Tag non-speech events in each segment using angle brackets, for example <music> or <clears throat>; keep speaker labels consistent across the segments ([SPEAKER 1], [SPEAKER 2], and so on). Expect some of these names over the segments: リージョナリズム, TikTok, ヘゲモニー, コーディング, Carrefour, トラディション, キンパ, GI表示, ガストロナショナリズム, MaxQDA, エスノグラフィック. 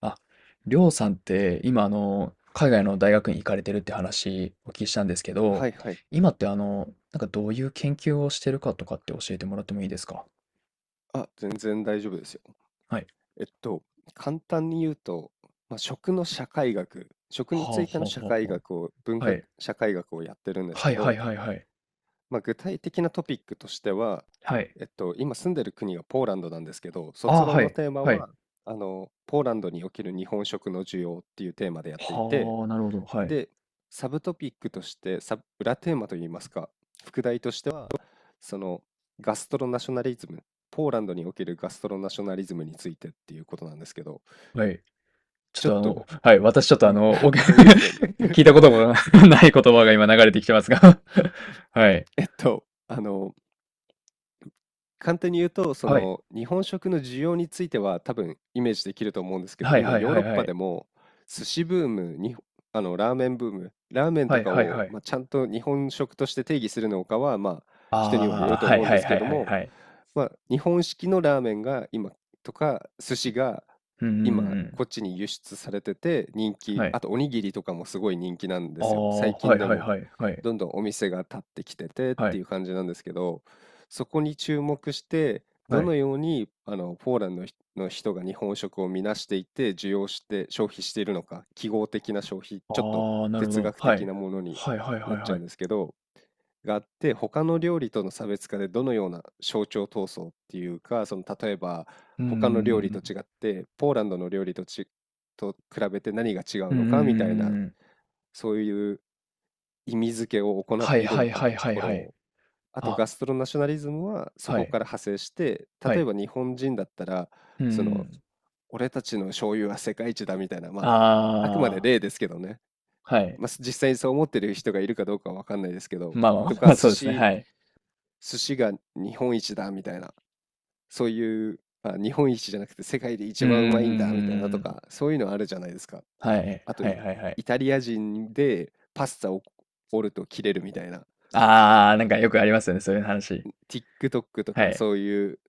[SPEAKER 1] あ、りょうさんって今海外の大学に行かれてるって話お聞きしたんですけど、
[SPEAKER 2] はいはい。
[SPEAKER 1] 今ってどういう研究をしてるかとかって教えてもらってもいいですか。
[SPEAKER 2] あ、全然大丈夫ですよ。
[SPEAKER 1] はい。
[SPEAKER 2] えっと、簡単に言うと、まあ、食の社会学、食
[SPEAKER 1] は
[SPEAKER 2] に
[SPEAKER 1] あ、
[SPEAKER 2] つい
[SPEAKER 1] は
[SPEAKER 2] て
[SPEAKER 1] あ、
[SPEAKER 2] の社
[SPEAKER 1] は
[SPEAKER 2] 会
[SPEAKER 1] あ、は
[SPEAKER 2] 学を、文
[SPEAKER 1] あ、は
[SPEAKER 2] 化
[SPEAKER 1] い。
[SPEAKER 2] 社会学をやってるんです
[SPEAKER 1] は
[SPEAKER 2] け
[SPEAKER 1] いはい
[SPEAKER 2] ど、
[SPEAKER 1] はいはい。
[SPEAKER 2] まあ、具体的なトピックとしては、
[SPEAKER 1] はい。
[SPEAKER 2] 今住んでる国がポーランドなんですけど、
[SPEAKER 1] あ
[SPEAKER 2] 卒
[SPEAKER 1] あ、
[SPEAKER 2] 論
[SPEAKER 1] は
[SPEAKER 2] の
[SPEAKER 1] い。
[SPEAKER 2] テーマ
[SPEAKER 1] はい。
[SPEAKER 2] は、あの、ポーランドにおける日本食の需要っていうテーマでやっていて、
[SPEAKER 1] はあ、なるほど。はい。
[SPEAKER 2] で、サブトピックとして、裏テーマといいますか、副題としてそのガストロナショナリズム、ポーランドにおけるガストロナショナリズムについてっていうことなんですけど、
[SPEAKER 1] はい。ちょっ
[SPEAKER 2] ちょっ
[SPEAKER 1] とあの、
[SPEAKER 2] と、
[SPEAKER 1] はい。私ちょっとあ
[SPEAKER 2] ん
[SPEAKER 1] の、お <laughs>
[SPEAKER 2] <laughs> あれですよね。
[SPEAKER 1] 聞いたことも <laughs> ない言葉が今流れてきてますが。 <laughs> はい。
[SPEAKER 2] えっと、あの、簡単に言うと、そ
[SPEAKER 1] はい。
[SPEAKER 2] の日本食の需要については多分イメージできると思うんですけど、
[SPEAKER 1] はい
[SPEAKER 2] 今
[SPEAKER 1] はい
[SPEAKER 2] ヨー
[SPEAKER 1] は
[SPEAKER 2] ロ
[SPEAKER 1] い
[SPEAKER 2] ッ
[SPEAKER 1] は
[SPEAKER 2] パ
[SPEAKER 1] い。
[SPEAKER 2] でも寿司ブーム、にあのラーメンブーム、ラーメン
[SPEAKER 1] は
[SPEAKER 2] と
[SPEAKER 1] い
[SPEAKER 2] か
[SPEAKER 1] はい
[SPEAKER 2] を、
[SPEAKER 1] はい。
[SPEAKER 2] まあ、ちゃんと日本食として定義するのかは、まあ、人にはよ
[SPEAKER 1] ああ、
[SPEAKER 2] ると
[SPEAKER 1] はい
[SPEAKER 2] 思うん
[SPEAKER 1] は
[SPEAKER 2] で
[SPEAKER 1] い
[SPEAKER 2] す
[SPEAKER 1] は
[SPEAKER 2] け
[SPEAKER 1] い
[SPEAKER 2] ど
[SPEAKER 1] はい
[SPEAKER 2] も、
[SPEAKER 1] はい。
[SPEAKER 2] まあ、日本式のラーメンが今とか寿司が
[SPEAKER 1] うんうんうん
[SPEAKER 2] 今
[SPEAKER 1] うん。
[SPEAKER 2] こっちに輸出されてて人
[SPEAKER 1] は
[SPEAKER 2] 気、あ
[SPEAKER 1] い。
[SPEAKER 2] とおにぎりとかもすごい人気なんで
[SPEAKER 1] あ
[SPEAKER 2] すよ。
[SPEAKER 1] あ、
[SPEAKER 2] 最
[SPEAKER 1] は
[SPEAKER 2] 近
[SPEAKER 1] い
[SPEAKER 2] で
[SPEAKER 1] はい
[SPEAKER 2] も
[SPEAKER 1] はいはい。
[SPEAKER 2] どんどんお店が立ってきててっ
[SPEAKER 1] は
[SPEAKER 2] てい
[SPEAKER 1] い。
[SPEAKER 2] う感じなんですけど、そこに注目して、ど
[SPEAKER 1] はい。
[SPEAKER 2] のようにあのポーランドの人が日本食を見なしていて、需要して消費しているのか、記号的な消費、ちょっと
[SPEAKER 1] ああ、なるほ
[SPEAKER 2] 哲
[SPEAKER 1] ど。
[SPEAKER 2] 学
[SPEAKER 1] は
[SPEAKER 2] 的
[SPEAKER 1] い。
[SPEAKER 2] なものに
[SPEAKER 1] はいはいは
[SPEAKER 2] なっ
[SPEAKER 1] い
[SPEAKER 2] ちゃ
[SPEAKER 1] は
[SPEAKER 2] うん
[SPEAKER 1] い。
[SPEAKER 2] ですけど、があって、他の料理との差別化でどのような象徴闘争っていうか、その例えば
[SPEAKER 1] うー
[SPEAKER 2] 他の料理と
[SPEAKER 1] ん。
[SPEAKER 2] 違って、ポーランドの料理とち、と比べて何が違
[SPEAKER 1] う
[SPEAKER 2] う
[SPEAKER 1] んう
[SPEAKER 2] の
[SPEAKER 1] んうん
[SPEAKER 2] かみた
[SPEAKER 1] う
[SPEAKER 2] いな、
[SPEAKER 1] んうん。
[SPEAKER 2] そういう意味付けを行っ
[SPEAKER 1] は
[SPEAKER 2] て
[SPEAKER 1] い
[SPEAKER 2] いる
[SPEAKER 1] は
[SPEAKER 2] の
[SPEAKER 1] い
[SPEAKER 2] かっ
[SPEAKER 1] はい
[SPEAKER 2] てと
[SPEAKER 1] はい
[SPEAKER 2] ころ
[SPEAKER 1] はい。
[SPEAKER 2] をあと
[SPEAKER 1] あ、
[SPEAKER 2] ガストロナショナリズムはそ
[SPEAKER 1] は
[SPEAKER 2] こ
[SPEAKER 1] い。
[SPEAKER 2] から派生して、
[SPEAKER 1] は
[SPEAKER 2] 例え
[SPEAKER 1] い。
[SPEAKER 2] ば日本人だったら、
[SPEAKER 1] うん
[SPEAKER 2] そ
[SPEAKER 1] う
[SPEAKER 2] の、
[SPEAKER 1] ん。
[SPEAKER 2] 俺たちの醤油は世界一だみたいな、まあ、あくまで
[SPEAKER 1] ああ、
[SPEAKER 2] 例ですけどね、
[SPEAKER 1] はい。
[SPEAKER 2] まあ、実際にそう思ってる人がいるかどうかは分かんないですけど、
[SPEAKER 1] まあまあ
[SPEAKER 2] とか、
[SPEAKER 1] まあ、そうですね、はい。
[SPEAKER 2] 寿司が日本一だみたいな、そういう、あ、日本一じゃなくて世界で
[SPEAKER 1] う
[SPEAKER 2] 一
[SPEAKER 1] んう
[SPEAKER 2] 番うま
[SPEAKER 1] んう
[SPEAKER 2] いんだみ
[SPEAKER 1] ん
[SPEAKER 2] たいな
[SPEAKER 1] う
[SPEAKER 2] と
[SPEAKER 1] ん、
[SPEAKER 2] か、そういうのあるじゃないですか。
[SPEAKER 1] はい
[SPEAKER 2] あと
[SPEAKER 1] はいはいはいはい、
[SPEAKER 2] イ、
[SPEAKER 1] あ、はいはい、う
[SPEAKER 2] イ
[SPEAKER 1] ん。
[SPEAKER 2] タリア人でパスタを折ると切れるみたいな。
[SPEAKER 1] ああ、なんかよくありますよね、そういう話。
[SPEAKER 2] TikTok と
[SPEAKER 1] は
[SPEAKER 2] か
[SPEAKER 1] い。
[SPEAKER 2] そういう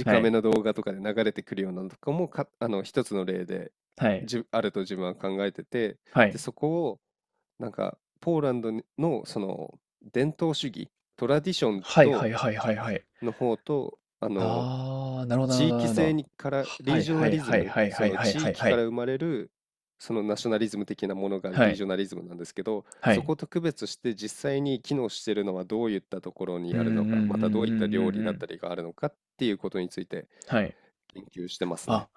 [SPEAKER 1] は
[SPEAKER 2] め
[SPEAKER 1] い。
[SPEAKER 2] の動画とかで流れてくるようなのとかもか、あの、一つの例で、
[SPEAKER 1] はい。
[SPEAKER 2] あると自分は考えてて、
[SPEAKER 1] は
[SPEAKER 2] で、
[SPEAKER 1] い。
[SPEAKER 2] そこを、なんか、ポーランドの、その、伝統主義、トラディション
[SPEAKER 1] はいは
[SPEAKER 2] と、
[SPEAKER 1] いはいはいはい。
[SPEAKER 2] の方と、あの、
[SPEAKER 1] ああ、なるほどなるほ
[SPEAKER 2] 地
[SPEAKER 1] どなる
[SPEAKER 2] 域
[SPEAKER 1] ほ
[SPEAKER 2] 性
[SPEAKER 1] ど。
[SPEAKER 2] にから、
[SPEAKER 1] は
[SPEAKER 2] リー
[SPEAKER 1] い
[SPEAKER 2] ジョ
[SPEAKER 1] は
[SPEAKER 2] ナ
[SPEAKER 1] い
[SPEAKER 2] リズ
[SPEAKER 1] はい
[SPEAKER 2] ム、
[SPEAKER 1] はい
[SPEAKER 2] そ
[SPEAKER 1] はい
[SPEAKER 2] の
[SPEAKER 1] はい
[SPEAKER 2] 地
[SPEAKER 1] はい
[SPEAKER 2] 域
[SPEAKER 1] は
[SPEAKER 2] か
[SPEAKER 1] い。
[SPEAKER 2] ら生まれる、そのナショナリズム的なものが
[SPEAKER 1] は
[SPEAKER 2] リー
[SPEAKER 1] い。
[SPEAKER 2] ジョナリズムなんですけど、
[SPEAKER 1] は
[SPEAKER 2] そ
[SPEAKER 1] い。
[SPEAKER 2] こと区別して実際に機能しているのはどういったところ
[SPEAKER 1] う
[SPEAKER 2] に
[SPEAKER 1] んう
[SPEAKER 2] あるの
[SPEAKER 1] ん
[SPEAKER 2] か、ま
[SPEAKER 1] う
[SPEAKER 2] たどう
[SPEAKER 1] んう
[SPEAKER 2] いった
[SPEAKER 1] んう
[SPEAKER 2] 料理
[SPEAKER 1] んう
[SPEAKER 2] だった
[SPEAKER 1] ん。
[SPEAKER 2] りがあるのかっていうことについて
[SPEAKER 1] はい。
[SPEAKER 2] 研究してますね。
[SPEAKER 1] あ、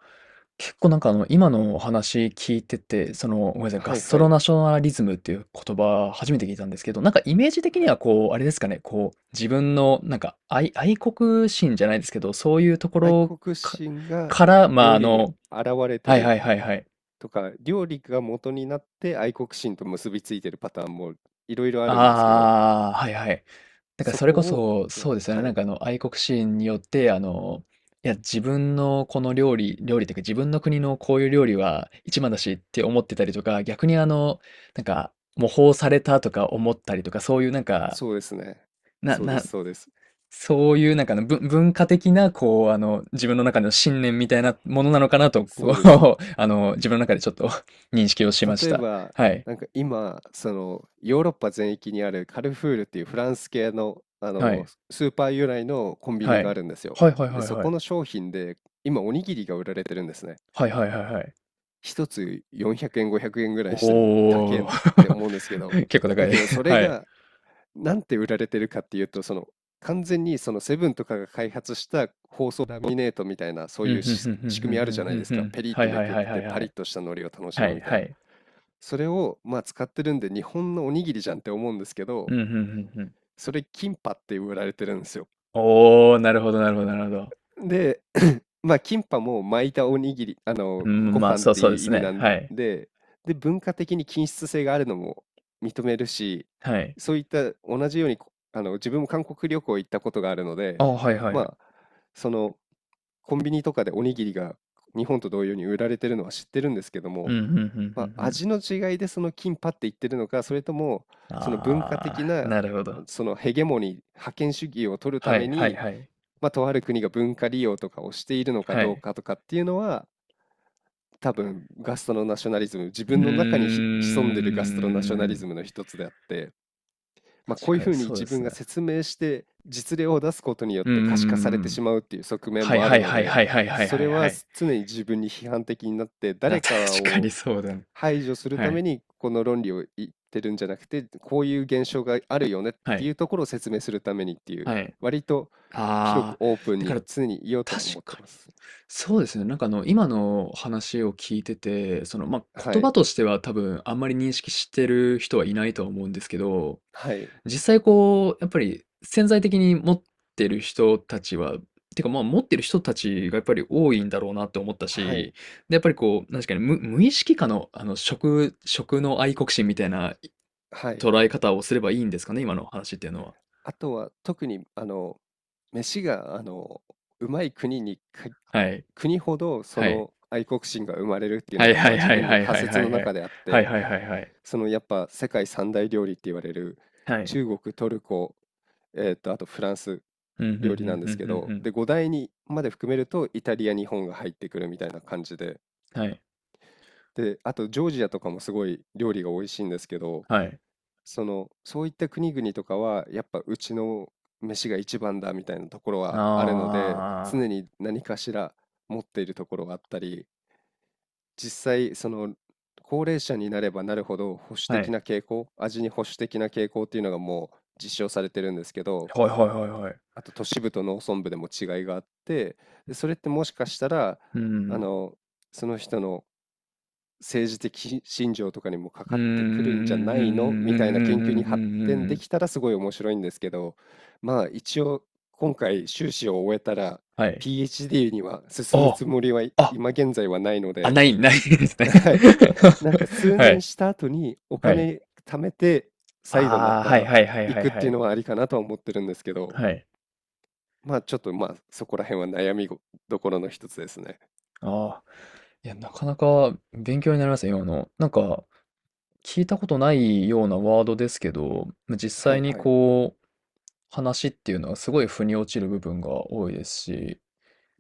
[SPEAKER 1] 結構なんかあの、今のお話聞いてて、その、ごめんなさい、ガ
[SPEAKER 2] はい
[SPEAKER 1] スト
[SPEAKER 2] は
[SPEAKER 1] ロ
[SPEAKER 2] い。
[SPEAKER 1] ナショナリズムっていう言葉初めて聞いたんですけど、なんかイメージ的
[SPEAKER 2] は
[SPEAKER 1] には
[SPEAKER 2] い。
[SPEAKER 1] こう、あれですかね、こう、自分のなんか愛、愛国心じゃないですけど、そういうとこ
[SPEAKER 2] 愛
[SPEAKER 1] ろ
[SPEAKER 2] 国
[SPEAKER 1] か、
[SPEAKER 2] 心が
[SPEAKER 1] から、まあ
[SPEAKER 2] 料
[SPEAKER 1] あ
[SPEAKER 2] 理に現
[SPEAKER 1] の、
[SPEAKER 2] れて
[SPEAKER 1] はい
[SPEAKER 2] る
[SPEAKER 1] はいはいはい。
[SPEAKER 2] とか、料理が元になって愛国心と結びついてるパターンもいろいろあるんですけど、
[SPEAKER 1] ああ、はいはい。だから
[SPEAKER 2] そ
[SPEAKER 1] それ
[SPEAKER 2] こ
[SPEAKER 1] こ
[SPEAKER 2] を、
[SPEAKER 1] そ、
[SPEAKER 2] まあ
[SPEAKER 1] そうですよね。
[SPEAKER 2] は
[SPEAKER 1] なん
[SPEAKER 2] い。
[SPEAKER 1] かあの愛国心によって、あの、いや、自分のこの料理というか、自分の国のこういう料理は一番だしって思ってたりとか、逆にあの、なんか、模倣されたとか思ったりとか、そういうなんか、
[SPEAKER 2] そうですね。
[SPEAKER 1] な、な
[SPEAKER 2] そうです。
[SPEAKER 1] そういうなんかあの、ぶ文化的な、こう、あの、自分の中の信念みたいなものなのかなと、
[SPEAKER 2] そう
[SPEAKER 1] こ
[SPEAKER 2] です。
[SPEAKER 1] う、<laughs> あの、自分の中でちょっと <laughs> 認識をしまし
[SPEAKER 2] 例え
[SPEAKER 1] た。
[SPEAKER 2] ば、
[SPEAKER 1] はい。
[SPEAKER 2] なんか今、そのヨーロッパ全域にあるカルフールっていうフランス系の、あ
[SPEAKER 1] は
[SPEAKER 2] の
[SPEAKER 1] い。
[SPEAKER 2] スーパー由来のコンビ
[SPEAKER 1] は
[SPEAKER 2] ニがあ
[SPEAKER 1] い。
[SPEAKER 2] るんですよ。
[SPEAKER 1] はいはい
[SPEAKER 2] で、
[SPEAKER 1] はい
[SPEAKER 2] そ
[SPEAKER 1] は
[SPEAKER 2] こ
[SPEAKER 1] い。
[SPEAKER 2] の商品で今おにぎりが売られてるんですね。
[SPEAKER 1] はいはいはいはい。
[SPEAKER 2] 一つ400円、500円ぐらいして高え
[SPEAKER 1] おお。
[SPEAKER 2] って思うんですけど、
[SPEAKER 1] <laughs> 結構高
[SPEAKER 2] だ
[SPEAKER 1] い。
[SPEAKER 2] けどそ
[SPEAKER 1] <laughs>
[SPEAKER 2] れ
[SPEAKER 1] はい。
[SPEAKER 2] がなんて売られてるかっていうと、その完全にそのセブンとかが開発した包装ラミネートみたいな、そう
[SPEAKER 1] う
[SPEAKER 2] い
[SPEAKER 1] ん、
[SPEAKER 2] う
[SPEAKER 1] ふん
[SPEAKER 2] し
[SPEAKER 1] ふんふん
[SPEAKER 2] 仕
[SPEAKER 1] ふ
[SPEAKER 2] 組み
[SPEAKER 1] ん
[SPEAKER 2] あ
[SPEAKER 1] ふ
[SPEAKER 2] るじ
[SPEAKER 1] ん
[SPEAKER 2] ゃな
[SPEAKER 1] ふ
[SPEAKER 2] い
[SPEAKER 1] ん
[SPEAKER 2] です
[SPEAKER 1] ふ
[SPEAKER 2] か。
[SPEAKER 1] ん。
[SPEAKER 2] ペリっ
[SPEAKER 1] は
[SPEAKER 2] て
[SPEAKER 1] い
[SPEAKER 2] め
[SPEAKER 1] はい
[SPEAKER 2] くっ
[SPEAKER 1] はいは
[SPEAKER 2] て
[SPEAKER 1] い
[SPEAKER 2] パ
[SPEAKER 1] は
[SPEAKER 2] リッ
[SPEAKER 1] い。
[SPEAKER 2] とした海苔を楽し
[SPEAKER 1] は
[SPEAKER 2] む
[SPEAKER 1] い
[SPEAKER 2] みたい
[SPEAKER 1] は
[SPEAKER 2] な。
[SPEAKER 1] い。
[SPEAKER 2] それをまあ使ってるんで日本のおにぎりじゃんって思うんですけど、
[SPEAKER 1] うん、ふんふんふん。
[SPEAKER 2] それキンパって売られてるんですよ。
[SPEAKER 1] おお、なるほどなるほどなるほど。
[SPEAKER 2] で、<coughs> <clears throat> まあ、キンパも巻いたおにぎり、あ
[SPEAKER 1] う
[SPEAKER 2] の、ご
[SPEAKER 1] ん、まあ、
[SPEAKER 2] 飯っ
[SPEAKER 1] そう
[SPEAKER 2] て
[SPEAKER 1] そう
[SPEAKER 2] い
[SPEAKER 1] で
[SPEAKER 2] う
[SPEAKER 1] す
[SPEAKER 2] 意味
[SPEAKER 1] ね。
[SPEAKER 2] なん
[SPEAKER 1] はい。
[SPEAKER 2] で、で、文化的に均質性があるのも認めるし、
[SPEAKER 1] はい。
[SPEAKER 2] そういった同じように、あの、自分も韓国旅行行ったことがあるの
[SPEAKER 1] あ
[SPEAKER 2] で、
[SPEAKER 1] あ、はいはい。
[SPEAKER 2] まあ、その、コンビニとかでおにぎりが日本と同様に売られてるのは知ってるんですけど
[SPEAKER 1] う
[SPEAKER 2] も、
[SPEAKER 1] ん、ふんふんふ
[SPEAKER 2] ま
[SPEAKER 1] ん
[SPEAKER 2] あ、
[SPEAKER 1] ふん。
[SPEAKER 2] 味の違いでそのキンパって言ってるのか、それともその文化
[SPEAKER 1] あ
[SPEAKER 2] 的
[SPEAKER 1] あ、
[SPEAKER 2] な
[SPEAKER 1] なるほど。
[SPEAKER 2] そのヘゲモニー、覇権主義を取るた
[SPEAKER 1] は
[SPEAKER 2] め
[SPEAKER 1] いはい
[SPEAKER 2] に、
[SPEAKER 1] はい。
[SPEAKER 2] まあ、とある国が文化利用とかをしているのか
[SPEAKER 1] は
[SPEAKER 2] どう
[SPEAKER 1] い。
[SPEAKER 2] かとかっていうのは、多分ガストロナショナリズム、自
[SPEAKER 1] うー
[SPEAKER 2] 分の中に潜んでるガストロナショナリ
[SPEAKER 1] ん。
[SPEAKER 2] ズムの一つであって、まあ、
[SPEAKER 1] 確
[SPEAKER 2] こういう
[SPEAKER 1] か
[SPEAKER 2] ふ
[SPEAKER 1] に
[SPEAKER 2] うに
[SPEAKER 1] そうで
[SPEAKER 2] 自
[SPEAKER 1] す
[SPEAKER 2] 分
[SPEAKER 1] ね。
[SPEAKER 2] が説明して実例を出すことによっ
[SPEAKER 1] うんうん
[SPEAKER 2] て可視化さ
[SPEAKER 1] う
[SPEAKER 2] れ
[SPEAKER 1] んう
[SPEAKER 2] て
[SPEAKER 1] ん。
[SPEAKER 2] しまうっていう側面
[SPEAKER 1] はい
[SPEAKER 2] もあ
[SPEAKER 1] は
[SPEAKER 2] る
[SPEAKER 1] い
[SPEAKER 2] の
[SPEAKER 1] はい
[SPEAKER 2] で、
[SPEAKER 1] はいはいはい
[SPEAKER 2] そ
[SPEAKER 1] は
[SPEAKER 2] れ
[SPEAKER 1] いは
[SPEAKER 2] は
[SPEAKER 1] い。
[SPEAKER 2] 常に自分に批判的になって
[SPEAKER 1] な、
[SPEAKER 2] 誰か
[SPEAKER 1] 確か
[SPEAKER 2] を
[SPEAKER 1] にそうだね。
[SPEAKER 2] 排除する
[SPEAKER 1] は
[SPEAKER 2] ため
[SPEAKER 1] い。
[SPEAKER 2] にこの論理を言ってるんじゃなくて、こういう現象があるよねっ
[SPEAKER 1] は
[SPEAKER 2] てい
[SPEAKER 1] い。
[SPEAKER 2] うところを説明するためにっていう、
[SPEAKER 1] はい。
[SPEAKER 2] 割と広く
[SPEAKER 1] ああ、
[SPEAKER 2] オープン
[SPEAKER 1] だか
[SPEAKER 2] に
[SPEAKER 1] ら、
[SPEAKER 2] 常に言おうとは
[SPEAKER 1] 確
[SPEAKER 2] 思って
[SPEAKER 1] か
[SPEAKER 2] ま
[SPEAKER 1] に。
[SPEAKER 2] す。
[SPEAKER 1] そうですね。なんかあの、今の話を聞いてて、その、まあ、
[SPEAKER 2] は
[SPEAKER 1] 言葉
[SPEAKER 2] い。
[SPEAKER 1] としては多分あんまり認識してる人はいないとは思うんですけど、
[SPEAKER 2] はい。
[SPEAKER 1] 実際こう、やっぱり潜在的に持ってる人たちは、てか、ま、持ってる人たちがやっぱり多いんだろうなって思った
[SPEAKER 2] はい。
[SPEAKER 1] し、で、やっぱりこう、なすかね、無、無意識下のあの、食、食の愛国心みたいな、
[SPEAKER 2] はい。
[SPEAKER 1] 捉え方をすればいいんですかね？今の話っていうのは。
[SPEAKER 2] あとは特にあの飯があのうまい国にか
[SPEAKER 1] はい。
[SPEAKER 2] 国ほどそ
[SPEAKER 1] はい。
[SPEAKER 2] の愛国心が生まれるっていう
[SPEAKER 1] は
[SPEAKER 2] の
[SPEAKER 1] い
[SPEAKER 2] が
[SPEAKER 1] は
[SPEAKER 2] まあ
[SPEAKER 1] い
[SPEAKER 2] 自
[SPEAKER 1] はい
[SPEAKER 2] 分の
[SPEAKER 1] はい
[SPEAKER 2] 仮
[SPEAKER 1] はい
[SPEAKER 2] 説
[SPEAKER 1] は
[SPEAKER 2] の
[SPEAKER 1] いは
[SPEAKER 2] 中
[SPEAKER 1] い。
[SPEAKER 2] であっ
[SPEAKER 1] はい
[SPEAKER 2] て、
[SPEAKER 1] はいはいはい。
[SPEAKER 2] そのやっぱ世界三大料理って言われる
[SPEAKER 1] はい。
[SPEAKER 2] 中国トルコ、あとフランス
[SPEAKER 1] うん、ふんうんう
[SPEAKER 2] 料
[SPEAKER 1] ん
[SPEAKER 2] 理
[SPEAKER 1] う
[SPEAKER 2] なんですけ
[SPEAKER 1] ん
[SPEAKER 2] ど、
[SPEAKER 1] うん。
[SPEAKER 2] で5大にまで含めるとイタリア日本が入ってくるみたいな感じで、
[SPEAKER 1] はい。
[SPEAKER 2] であとジョージアとかもすごい料理が美味しいんですけど、
[SPEAKER 1] はい。
[SPEAKER 2] その、そういった国々とかは、やっぱうちの飯が一番だみたいなところ
[SPEAKER 1] あ
[SPEAKER 2] はあるので、常に何かしら持っているところがあったり、実際、その、高齢者になればなるほど保守
[SPEAKER 1] あ。は
[SPEAKER 2] 的
[SPEAKER 1] い。
[SPEAKER 2] な傾向、味に保守的な傾向っていうのがもう実証されてるんですけど、
[SPEAKER 1] はいはいはいはい。
[SPEAKER 2] あと都市部と農村部でも違いがあって、でそれってもしかしたら、
[SPEAKER 1] う
[SPEAKER 2] あ
[SPEAKER 1] ん。
[SPEAKER 2] の、その人の政治的信条とかにもか
[SPEAKER 1] う
[SPEAKER 2] か
[SPEAKER 1] んう
[SPEAKER 2] ってくるんじゃ
[SPEAKER 1] んうん
[SPEAKER 2] な
[SPEAKER 1] う
[SPEAKER 2] いの
[SPEAKER 1] んうん
[SPEAKER 2] みたいな研
[SPEAKER 1] う
[SPEAKER 2] 究
[SPEAKER 1] んう
[SPEAKER 2] に
[SPEAKER 1] んう
[SPEAKER 2] 発
[SPEAKER 1] んうん
[SPEAKER 2] 展
[SPEAKER 1] う
[SPEAKER 2] で
[SPEAKER 1] ん。
[SPEAKER 2] きたらすごい面白いんですけど、まあ一応今回修士を終えたら
[SPEAKER 1] はい。
[SPEAKER 2] PhD には進
[SPEAKER 1] あ
[SPEAKER 2] む
[SPEAKER 1] あ。
[SPEAKER 2] つもりはい
[SPEAKER 1] あ、
[SPEAKER 2] 今現在はないので、
[SPEAKER 1] ない、ないですね。
[SPEAKER 2] はい。なんか
[SPEAKER 1] <laughs>
[SPEAKER 2] 数
[SPEAKER 1] は
[SPEAKER 2] 年
[SPEAKER 1] い。
[SPEAKER 2] した後にお
[SPEAKER 1] はい。
[SPEAKER 2] 金貯めて再度ま
[SPEAKER 1] ああ、はい
[SPEAKER 2] た
[SPEAKER 1] はいはい
[SPEAKER 2] 行
[SPEAKER 1] はい
[SPEAKER 2] くっ
[SPEAKER 1] は
[SPEAKER 2] ていう
[SPEAKER 1] い。
[SPEAKER 2] のはありかなとは思ってるんですけど、
[SPEAKER 1] はい。
[SPEAKER 2] まあちょっとまあそこら辺は悩みどころの一つですね。
[SPEAKER 1] ああ。いや、なかなか勉強になりますね、今の。なんか、聞いたことないようなワードですけど、実
[SPEAKER 2] は
[SPEAKER 1] 際
[SPEAKER 2] い
[SPEAKER 1] に
[SPEAKER 2] はい。
[SPEAKER 1] こう、話っていうのはすごい腑に落ちる部分が多いですし、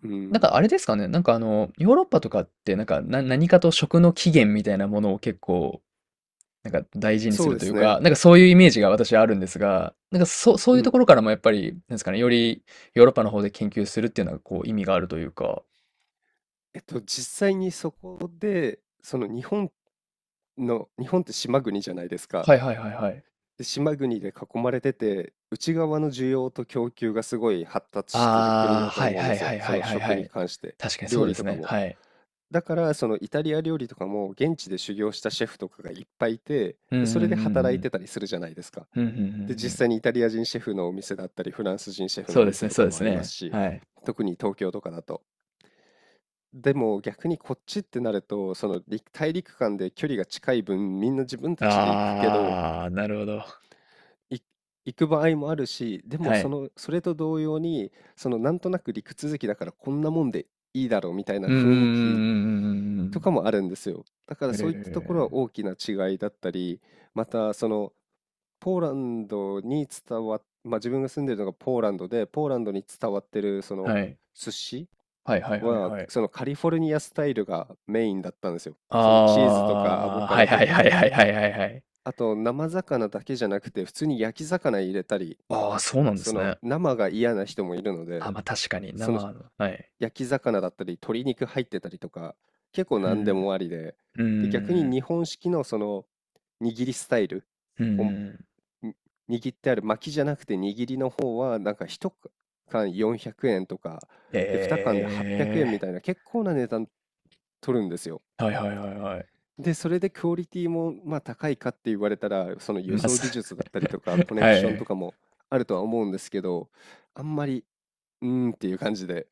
[SPEAKER 2] う
[SPEAKER 1] なんか
[SPEAKER 2] ん。
[SPEAKER 1] あれですかね、なんかあの、ヨーロッパとかって、なんか、な、何かと食の起源みたいなものを結構、なんか大事にす
[SPEAKER 2] そう
[SPEAKER 1] る
[SPEAKER 2] で
[SPEAKER 1] とい
[SPEAKER 2] す
[SPEAKER 1] う
[SPEAKER 2] ね。
[SPEAKER 1] か、なんかそういうイメージが私はあるんですが、なんかそ、そう
[SPEAKER 2] う
[SPEAKER 1] いうと
[SPEAKER 2] ん。
[SPEAKER 1] ころからもやっぱり、なんですかね、よりヨーロッパの方で研究するっていうのはこう意味があるというか、
[SPEAKER 2] 実際にそこで、その日本って島国じゃないですか。
[SPEAKER 1] はいはいはいはい。
[SPEAKER 2] で、島国で囲まれてて、内側の需要と供給がすごい発達している国
[SPEAKER 1] あ
[SPEAKER 2] だ
[SPEAKER 1] あ、
[SPEAKER 2] と
[SPEAKER 1] はい
[SPEAKER 2] 思うんで
[SPEAKER 1] はい
[SPEAKER 2] す
[SPEAKER 1] は
[SPEAKER 2] よ。
[SPEAKER 1] い
[SPEAKER 2] そ
[SPEAKER 1] はい
[SPEAKER 2] の
[SPEAKER 1] はいは
[SPEAKER 2] 食に
[SPEAKER 1] い。
[SPEAKER 2] 関して、
[SPEAKER 1] 確かにそ
[SPEAKER 2] 料
[SPEAKER 1] うで
[SPEAKER 2] 理
[SPEAKER 1] す
[SPEAKER 2] とか
[SPEAKER 1] ね。
[SPEAKER 2] も。
[SPEAKER 1] はい。
[SPEAKER 2] だから、そのイタリア料理とかも現地で修行したシェフとかがいっぱいいて、
[SPEAKER 1] うんう
[SPEAKER 2] で、そ
[SPEAKER 1] ん
[SPEAKER 2] れで
[SPEAKER 1] う
[SPEAKER 2] 働
[SPEAKER 1] んう
[SPEAKER 2] いて
[SPEAKER 1] ん。
[SPEAKER 2] たりするじゃないですか。
[SPEAKER 1] うんうんうん
[SPEAKER 2] で、
[SPEAKER 1] う
[SPEAKER 2] 実
[SPEAKER 1] ん。
[SPEAKER 2] 際にイタリア人シェフのお店だったり、フランス人シェフの
[SPEAKER 1] そ
[SPEAKER 2] お
[SPEAKER 1] うです
[SPEAKER 2] 店
[SPEAKER 1] ね、
[SPEAKER 2] と
[SPEAKER 1] そう
[SPEAKER 2] か
[SPEAKER 1] で
[SPEAKER 2] もあ
[SPEAKER 1] す
[SPEAKER 2] ります
[SPEAKER 1] ね。
[SPEAKER 2] し、
[SPEAKER 1] はい。
[SPEAKER 2] 特に東京とかだと。でも逆にこっちってなると、その陸大陸間で距離が近い分、みんな自分たちで行くけど、
[SPEAKER 1] ああ、なるほど。
[SPEAKER 2] い行く場合もあるし、でも
[SPEAKER 1] は
[SPEAKER 2] そ
[SPEAKER 1] い。
[SPEAKER 2] の、それと同様に、そのなんとなく陸続きだからこんなもんでいいだろうみたいな
[SPEAKER 1] うんうんう
[SPEAKER 2] 雰囲気
[SPEAKER 1] んう
[SPEAKER 2] とか
[SPEAKER 1] ん
[SPEAKER 2] もあるんですよ。だか
[SPEAKER 1] う
[SPEAKER 2] ら
[SPEAKER 1] んう
[SPEAKER 2] そ
[SPEAKER 1] ん
[SPEAKER 2] う
[SPEAKER 1] う
[SPEAKER 2] い
[SPEAKER 1] ん
[SPEAKER 2] っ
[SPEAKER 1] うん
[SPEAKER 2] たところは
[SPEAKER 1] え
[SPEAKER 2] 大
[SPEAKER 1] え、
[SPEAKER 2] きな違いだったり、またその、ポーランドに伝わっ、まあ、自分が住んでるのがポーランドで、ポーランドに伝わってるその
[SPEAKER 1] はい。
[SPEAKER 2] 寿司
[SPEAKER 1] はいはいはい
[SPEAKER 2] は、
[SPEAKER 1] はい。
[SPEAKER 2] そのカリフォルニアスタイルがメインだったんですよ。
[SPEAKER 1] あ
[SPEAKER 2] そのチーズとかアボ
[SPEAKER 1] あ、
[SPEAKER 2] カ
[SPEAKER 1] はい
[SPEAKER 2] ドと
[SPEAKER 1] はい
[SPEAKER 2] か、
[SPEAKER 1] はいはいはいはいはい。
[SPEAKER 2] あと生魚だけじゃなくて、普通に焼き魚入れたり、
[SPEAKER 1] ああ、そうなんで
[SPEAKER 2] そ
[SPEAKER 1] す
[SPEAKER 2] の
[SPEAKER 1] ね。
[SPEAKER 2] 生が嫌な人もいるの
[SPEAKER 1] あ、
[SPEAKER 2] で、
[SPEAKER 1] ま、確かに
[SPEAKER 2] その
[SPEAKER 1] 生のはい。
[SPEAKER 2] 焼き魚だったり、鶏肉入ってたりとか、結構
[SPEAKER 1] う
[SPEAKER 2] 何で
[SPEAKER 1] ん。
[SPEAKER 2] もありで、
[SPEAKER 1] うんう
[SPEAKER 2] で、逆
[SPEAKER 1] ん
[SPEAKER 2] に
[SPEAKER 1] う
[SPEAKER 2] 日
[SPEAKER 1] ん。
[SPEAKER 2] 本式のその握りスタイル
[SPEAKER 1] うんうん
[SPEAKER 2] を
[SPEAKER 1] うん。
[SPEAKER 2] に握ってある巻きじゃなくて握りの方はなんか1缶400円とかで2缶で
[SPEAKER 1] え
[SPEAKER 2] 800円み
[SPEAKER 1] え。
[SPEAKER 2] たいな結構な値段取るんですよ。
[SPEAKER 1] はいはいはいはい。
[SPEAKER 2] でそれでクオリティもまあ高いかって言われたら、その輸
[SPEAKER 1] ま、
[SPEAKER 2] 送
[SPEAKER 1] さ、
[SPEAKER 2] 技術だったりとかコネ
[SPEAKER 1] は
[SPEAKER 2] クションと
[SPEAKER 1] い。
[SPEAKER 2] かもあるとは思うんですけど、あんまりうーんっていう感じで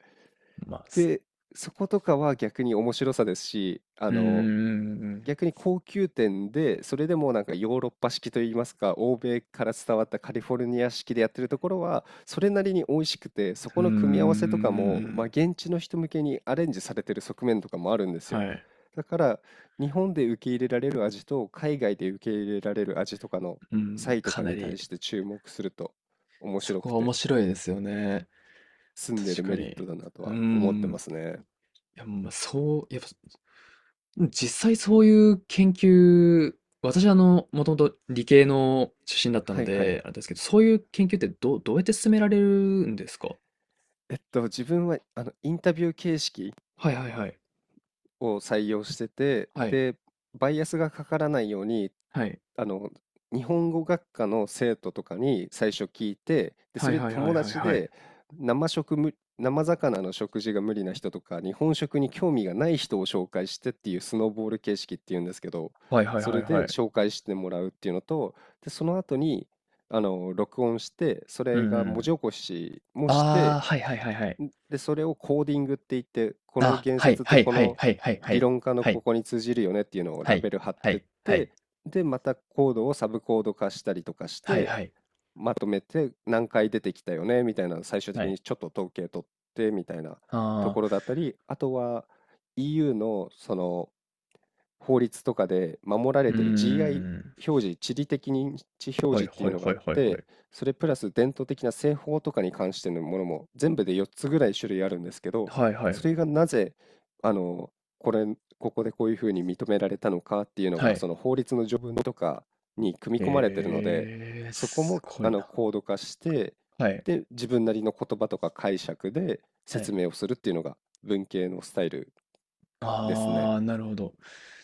[SPEAKER 1] ま、す、
[SPEAKER 2] で、そことかは逆に面白さですし、あ
[SPEAKER 1] うんうんう
[SPEAKER 2] の
[SPEAKER 1] んうんうん。
[SPEAKER 2] 逆に高級店で、それでもなんかヨーロッパ式といいますか、欧米から伝わったカリフォルニア式でやってるところは、それなりに美味しくて、そ
[SPEAKER 1] う
[SPEAKER 2] こ
[SPEAKER 1] んうん
[SPEAKER 2] の組み合わせとかも、
[SPEAKER 1] う
[SPEAKER 2] まあ、
[SPEAKER 1] ん、
[SPEAKER 2] 現地の人向けにアレンジされてる側面とかもあ
[SPEAKER 1] えー、はいはいはいはい、まず <laughs> はい、まず、うんうんうんうんうんう
[SPEAKER 2] るんですよ。
[SPEAKER 1] ん、はい、
[SPEAKER 2] だから、日本で受け入れられる味と、海外で受け入れられる味とかの
[SPEAKER 1] う
[SPEAKER 2] 差
[SPEAKER 1] ん、
[SPEAKER 2] 異と
[SPEAKER 1] か
[SPEAKER 2] か
[SPEAKER 1] な
[SPEAKER 2] に
[SPEAKER 1] り、
[SPEAKER 2] 対して注目すると、面
[SPEAKER 1] そ
[SPEAKER 2] 白
[SPEAKER 1] こ
[SPEAKER 2] く
[SPEAKER 1] は
[SPEAKER 2] て、
[SPEAKER 1] 面白いですよね。
[SPEAKER 2] 住んで
[SPEAKER 1] 確
[SPEAKER 2] る
[SPEAKER 1] か
[SPEAKER 2] メリ
[SPEAKER 1] に。
[SPEAKER 2] ッ
[SPEAKER 1] う
[SPEAKER 2] トだなと
[SPEAKER 1] ー
[SPEAKER 2] は思ってま
[SPEAKER 1] ん。
[SPEAKER 2] すね。
[SPEAKER 1] いや、まあ、そう、やっぱ、実際そういう研究、私あの、もともと理系の出身だった
[SPEAKER 2] は
[SPEAKER 1] の
[SPEAKER 2] いはい。
[SPEAKER 1] で、あれですけど、そういう研究ってど、どうやって進められるんですか？
[SPEAKER 2] 自分はあのインタビュー形式
[SPEAKER 1] はいはいはい。
[SPEAKER 2] を採用してて、
[SPEAKER 1] はい。
[SPEAKER 2] で、バイアスがかからないように、
[SPEAKER 1] はい。
[SPEAKER 2] あの、日本語学科の生徒とかに最初聞いて、で、
[SPEAKER 1] は
[SPEAKER 2] そ
[SPEAKER 1] い
[SPEAKER 2] れで
[SPEAKER 1] はいは
[SPEAKER 2] 友
[SPEAKER 1] いはい
[SPEAKER 2] 達
[SPEAKER 1] はい。
[SPEAKER 2] で生魚の食事が無理な人とか、日本食に興味がない人を紹介してっていうスノーボール形式っていうんですけど、
[SPEAKER 1] はいはい
[SPEAKER 2] そ
[SPEAKER 1] は
[SPEAKER 2] れ
[SPEAKER 1] いは
[SPEAKER 2] で
[SPEAKER 1] い。
[SPEAKER 2] 紹介してもらうっていうのと、で、その後に、録音して、そ
[SPEAKER 1] う
[SPEAKER 2] れが
[SPEAKER 1] んう
[SPEAKER 2] 文
[SPEAKER 1] ん。
[SPEAKER 2] 字起こしもし
[SPEAKER 1] あ
[SPEAKER 2] て、
[SPEAKER 1] あ、はいはいはいはい。
[SPEAKER 2] で、それをコーディングって言って、この
[SPEAKER 1] あ、
[SPEAKER 2] 言
[SPEAKER 1] はい
[SPEAKER 2] 説って
[SPEAKER 1] はい
[SPEAKER 2] こ
[SPEAKER 1] はい
[SPEAKER 2] の
[SPEAKER 1] はいはいは
[SPEAKER 2] 理
[SPEAKER 1] い。
[SPEAKER 2] 論家の
[SPEAKER 1] は
[SPEAKER 2] こ
[SPEAKER 1] い。
[SPEAKER 2] こに通じるよねっていうのを
[SPEAKER 1] は
[SPEAKER 2] ラ
[SPEAKER 1] い
[SPEAKER 2] ベル貼っ
[SPEAKER 1] は
[SPEAKER 2] てっ
[SPEAKER 1] いは
[SPEAKER 2] て、
[SPEAKER 1] い。
[SPEAKER 2] で、またコードをサブコード化したりとかし
[SPEAKER 1] はい
[SPEAKER 2] て、
[SPEAKER 1] はい。
[SPEAKER 2] まとめて何回出てきたよねみたいなのを最終
[SPEAKER 1] は
[SPEAKER 2] 的
[SPEAKER 1] い。
[SPEAKER 2] にちょっと統計取ってみたいなと
[SPEAKER 1] ああ、
[SPEAKER 2] ころだったり、あとは EU のその法律とかで守られ
[SPEAKER 1] うー
[SPEAKER 2] てる GI
[SPEAKER 1] ん。
[SPEAKER 2] 表示、地理的認知表
[SPEAKER 1] は
[SPEAKER 2] 示
[SPEAKER 1] い
[SPEAKER 2] ってい
[SPEAKER 1] は
[SPEAKER 2] う
[SPEAKER 1] い
[SPEAKER 2] のが
[SPEAKER 1] は
[SPEAKER 2] あ
[SPEAKER 1] い
[SPEAKER 2] っ
[SPEAKER 1] はいは
[SPEAKER 2] て、
[SPEAKER 1] い。
[SPEAKER 2] それプラス伝統的な製法とかに関してのものも全部で4つぐらい種類あるんですけど、
[SPEAKER 1] はいは
[SPEAKER 2] そ
[SPEAKER 1] い。
[SPEAKER 2] れがなぜ、あの、これ、ここでこういうふうに認められたのかっていうの
[SPEAKER 1] は
[SPEAKER 2] が、
[SPEAKER 1] い。
[SPEAKER 2] その法律の条文とかに組み込まれてるので、
[SPEAKER 1] ええ、
[SPEAKER 2] そこ
[SPEAKER 1] す
[SPEAKER 2] も
[SPEAKER 1] ご
[SPEAKER 2] あ
[SPEAKER 1] い
[SPEAKER 2] の
[SPEAKER 1] な。
[SPEAKER 2] コード化して、
[SPEAKER 1] はい。
[SPEAKER 2] で、自分なりの言葉とか解釈で
[SPEAKER 1] は
[SPEAKER 2] 説
[SPEAKER 1] い。
[SPEAKER 2] 明をするっていうのが文系のスタイルですね。
[SPEAKER 1] ああ、なるほど。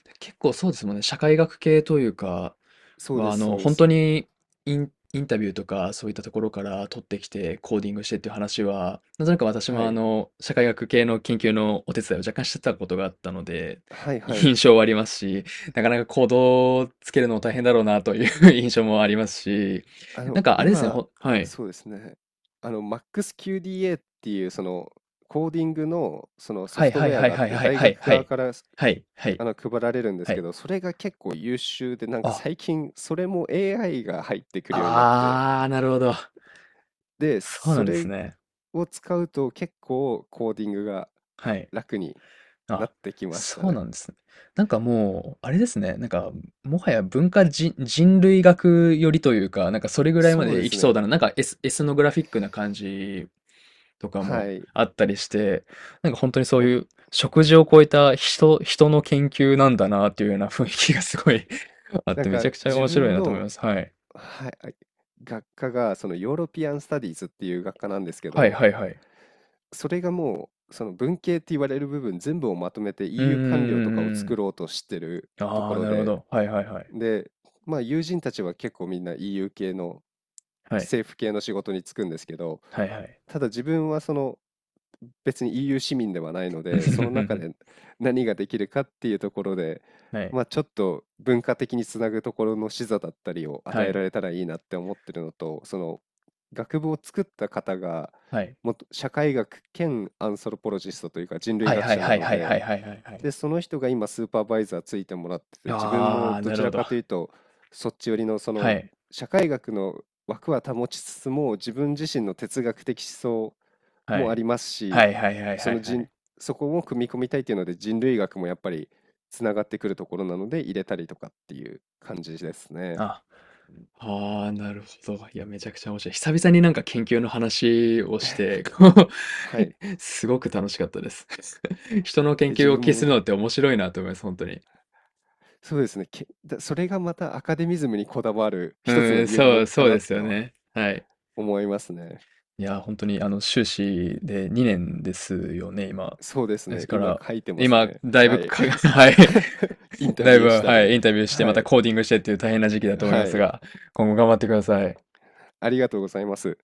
[SPEAKER 1] で、結構そうですもんね、社会学系というか
[SPEAKER 2] そうで
[SPEAKER 1] は、あ
[SPEAKER 2] す、そ
[SPEAKER 1] の、
[SPEAKER 2] うで
[SPEAKER 1] 本
[SPEAKER 2] す。
[SPEAKER 1] 当にイン、インタビューとかそういったところから取ってきて、コーディングしてっていう話は、なんとなく私
[SPEAKER 2] は
[SPEAKER 1] も、あ
[SPEAKER 2] い。
[SPEAKER 1] の、社会学系の研究のお手伝いを若干してたことがあったので、
[SPEAKER 2] はい
[SPEAKER 1] <laughs>
[SPEAKER 2] はい。
[SPEAKER 1] 印象はありますし、なかなか行動をつけるのも大変だろうなという <laughs> 印象もありますし、なんかあれですね、
[SPEAKER 2] 今、
[SPEAKER 1] ほ、はい。
[SPEAKER 2] そうですね。あの、MaxQDA っていう、その、コーディングの、そのソ
[SPEAKER 1] はい
[SPEAKER 2] フトウ
[SPEAKER 1] はい
[SPEAKER 2] ェア
[SPEAKER 1] はい
[SPEAKER 2] があっ
[SPEAKER 1] はい
[SPEAKER 2] て、
[SPEAKER 1] はい
[SPEAKER 2] 大
[SPEAKER 1] はい
[SPEAKER 2] 学
[SPEAKER 1] は
[SPEAKER 2] 側
[SPEAKER 1] い。
[SPEAKER 2] からす
[SPEAKER 1] はいはい
[SPEAKER 2] あの配られるんです
[SPEAKER 1] は
[SPEAKER 2] け
[SPEAKER 1] い。
[SPEAKER 2] ど、それが結構優秀で、なんか
[SPEAKER 1] あ、
[SPEAKER 2] 最近、それも AI が入ってくるようになって、
[SPEAKER 1] ああ、なるほど。
[SPEAKER 2] で、
[SPEAKER 1] そう
[SPEAKER 2] そ
[SPEAKER 1] なんです
[SPEAKER 2] れ
[SPEAKER 1] ね。
[SPEAKER 2] を使うと結構コーディングが
[SPEAKER 1] はい。
[SPEAKER 2] 楽にな
[SPEAKER 1] あ、
[SPEAKER 2] ってきました
[SPEAKER 1] そうな
[SPEAKER 2] ね。
[SPEAKER 1] んですね。なんかもう、あれですね、なんか、もはや文化人、人類学よりというか、なんかそれぐらいま
[SPEAKER 2] そうで
[SPEAKER 1] でいき
[SPEAKER 2] す
[SPEAKER 1] そう
[SPEAKER 2] ね。
[SPEAKER 1] だな。なんかエス、エスノグラフィックな感じとか
[SPEAKER 2] は
[SPEAKER 1] も
[SPEAKER 2] い。
[SPEAKER 1] あったりして、なんか本当にそう
[SPEAKER 2] なん
[SPEAKER 1] いう食事を超えた人、人の研究なんだなっていうような雰囲気がすごい <laughs> あっ
[SPEAKER 2] なん
[SPEAKER 1] て、めち
[SPEAKER 2] か
[SPEAKER 1] ゃくちゃ
[SPEAKER 2] 自
[SPEAKER 1] 面白い
[SPEAKER 2] 分
[SPEAKER 1] なと思い
[SPEAKER 2] の
[SPEAKER 1] ます。はい。
[SPEAKER 2] はい、あ学科がそのヨーロピアン・スタディーズっていう学科なんですけ
[SPEAKER 1] はい
[SPEAKER 2] ど、
[SPEAKER 1] はいはい。
[SPEAKER 2] それがもうその文系って言われる部分全部をまとめて
[SPEAKER 1] うんうん
[SPEAKER 2] EU 官僚
[SPEAKER 1] う
[SPEAKER 2] とかを
[SPEAKER 1] んう
[SPEAKER 2] 作
[SPEAKER 1] ん。
[SPEAKER 2] ろうとしてると
[SPEAKER 1] あ
[SPEAKER 2] こ
[SPEAKER 1] あ、
[SPEAKER 2] ろ
[SPEAKER 1] なるほ
[SPEAKER 2] で、
[SPEAKER 1] ど。はいはいはい。
[SPEAKER 2] で、まあ友人たちは結構みんな EU 系の
[SPEAKER 1] はい。
[SPEAKER 2] 政府系の仕事に就くんですけど、
[SPEAKER 1] はいはい。
[SPEAKER 2] ただ自分はその別に EU 市民ではないので、その中で
[SPEAKER 1] <laughs>
[SPEAKER 2] 何ができるかっていうところで、
[SPEAKER 1] はい。
[SPEAKER 2] まあ、ちょっと文化的につなぐところの視座だったりを与
[SPEAKER 1] は
[SPEAKER 2] えら
[SPEAKER 1] い。
[SPEAKER 2] れたらいいなって思ってるのと、その学部を作った方が
[SPEAKER 1] はい。
[SPEAKER 2] もっと社会学兼アンソロポロジストというか人類
[SPEAKER 1] はい
[SPEAKER 2] 学
[SPEAKER 1] はい
[SPEAKER 2] 者な
[SPEAKER 1] はい
[SPEAKER 2] の
[SPEAKER 1] はいは
[SPEAKER 2] で、
[SPEAKER 1] いはいはいはい。
[SPEAKER 2] で、その人が今スーパーバイザーついてもらってて、自分も
[SPEAKER 1] ああ、
[SPEAKER 2] ど
[SPEAKER 1] な
[SPEAKER 2] ち
[SPEAKER 1] る
[SPEAKER 2] ら
[SPEAKER 1] ほど。
[SPEAKER 2] かというとそっち寄りのそ
[SPEAKER 1] は
[SPEAKER 2] の
[SPEAKER 1] い。
[SPEAKER 2] 社会学の枠は保ちつつも自分自身の哲学的思想
[SPEAKER 1] は
[SPEAKER 2] もあ
[SPEAKER 1] い。
[SPEAKER 2] ります
[SPEAKER 1] は
[SPEAKER 2] し、
[SPEAKER 1] いはいはいは
[SPEAKER 2] そ
[SPEAKER 1] い
[SPEAKER 2] の
[SPEAKER 1] は
[SPEAKER 2] 人、
[SPEAKER 1] い。
[SPEAKER 2] そこも組み込みたいっていうので人類学もやっぱりつながってくるところなので入れたりとかっていう感じですね。
[SPEAKER 1] あ、ああ、なるほど。いや、めちゃくちゃ面白い。久々になんか研究の話をして、こう
[SPEAKER 2] はい。
[SPEAKER 1] <laughs> すごく楽しかったです。<laughs> 人の
[SPEAKER 2] え、
[SPEAKER 1] 研
[SPEAKER 2] 自
[SPEAKER 1] 究を聞
[SPEAKER 2] 分
[SPEAKER 1] きす
[SPEAKER 2] も
[SPEAKER 1] るのって面白いなと思います、本当に。
[SPEAKER 2] そうですね。それがまたアカデミズムにこだわる一つの
[SPEAKER 1] うん、
[SPEAKER 2] 理由
[SPEAKER 1] そ
[SPEAKER 2] も
[SPEAKER 1] う、
[SPEAKER 2] か
[SPEAKER 1] そう
[SPEAKER 2] な
[SPEAKER 1] で
[SPEAKER 2] っ
[SPEAKER 1] す
[SPEAKER 2] て
[SPEAKER 1] よ
[SPEAKER 2] は
[SPEAKER 1] ね。はい。
[SPEAKER 2] 思いますね。
[SPEAKER 1] いや、ー本当にあの、修士で2年ですよね、今。
[SPEAKER 2] そうです
[SPEAKER 1] で
[SPEAKER 2] ね。
[SPEAKER 1] すか
[SPEAKER 2] 今
[SPEAKER 1] ら、
[SPEAKER 2] 書いてます
[SPEAKER 1] 今、
[SPEAKER 2] ね。
[SPEAKER 1] だい
[SPEAKER 2] は
[SPEAKER 1] ぶ
[SPEAKER 2] い。
[SPEAKER 1] かが、<laughs> はい。
[SPEAKER 2] <laughs> インタ
[SPEAKER 1] だい
[SPEAKER 2] ビューし
[SPEAKER 1] ぶ、
[SPEAKER 2] た
[SPEAKER 1] は
[SPEAKER 2] り。
[SPEAKER 1] い、インタビューして、
[SPEAKER 2] は
[SPEAKER 1] また
[SPEAKER 2] い。
[SPEAKER 1] コーディングしてっていう大変な時期だと思いま
[SPEAKER 2] は
[SPEAKER 1] す
[SPEAKER 2] い。
[SPEAKER 1] が、今後頑張ってください。
[SPEAKER 2] ありがとうございます。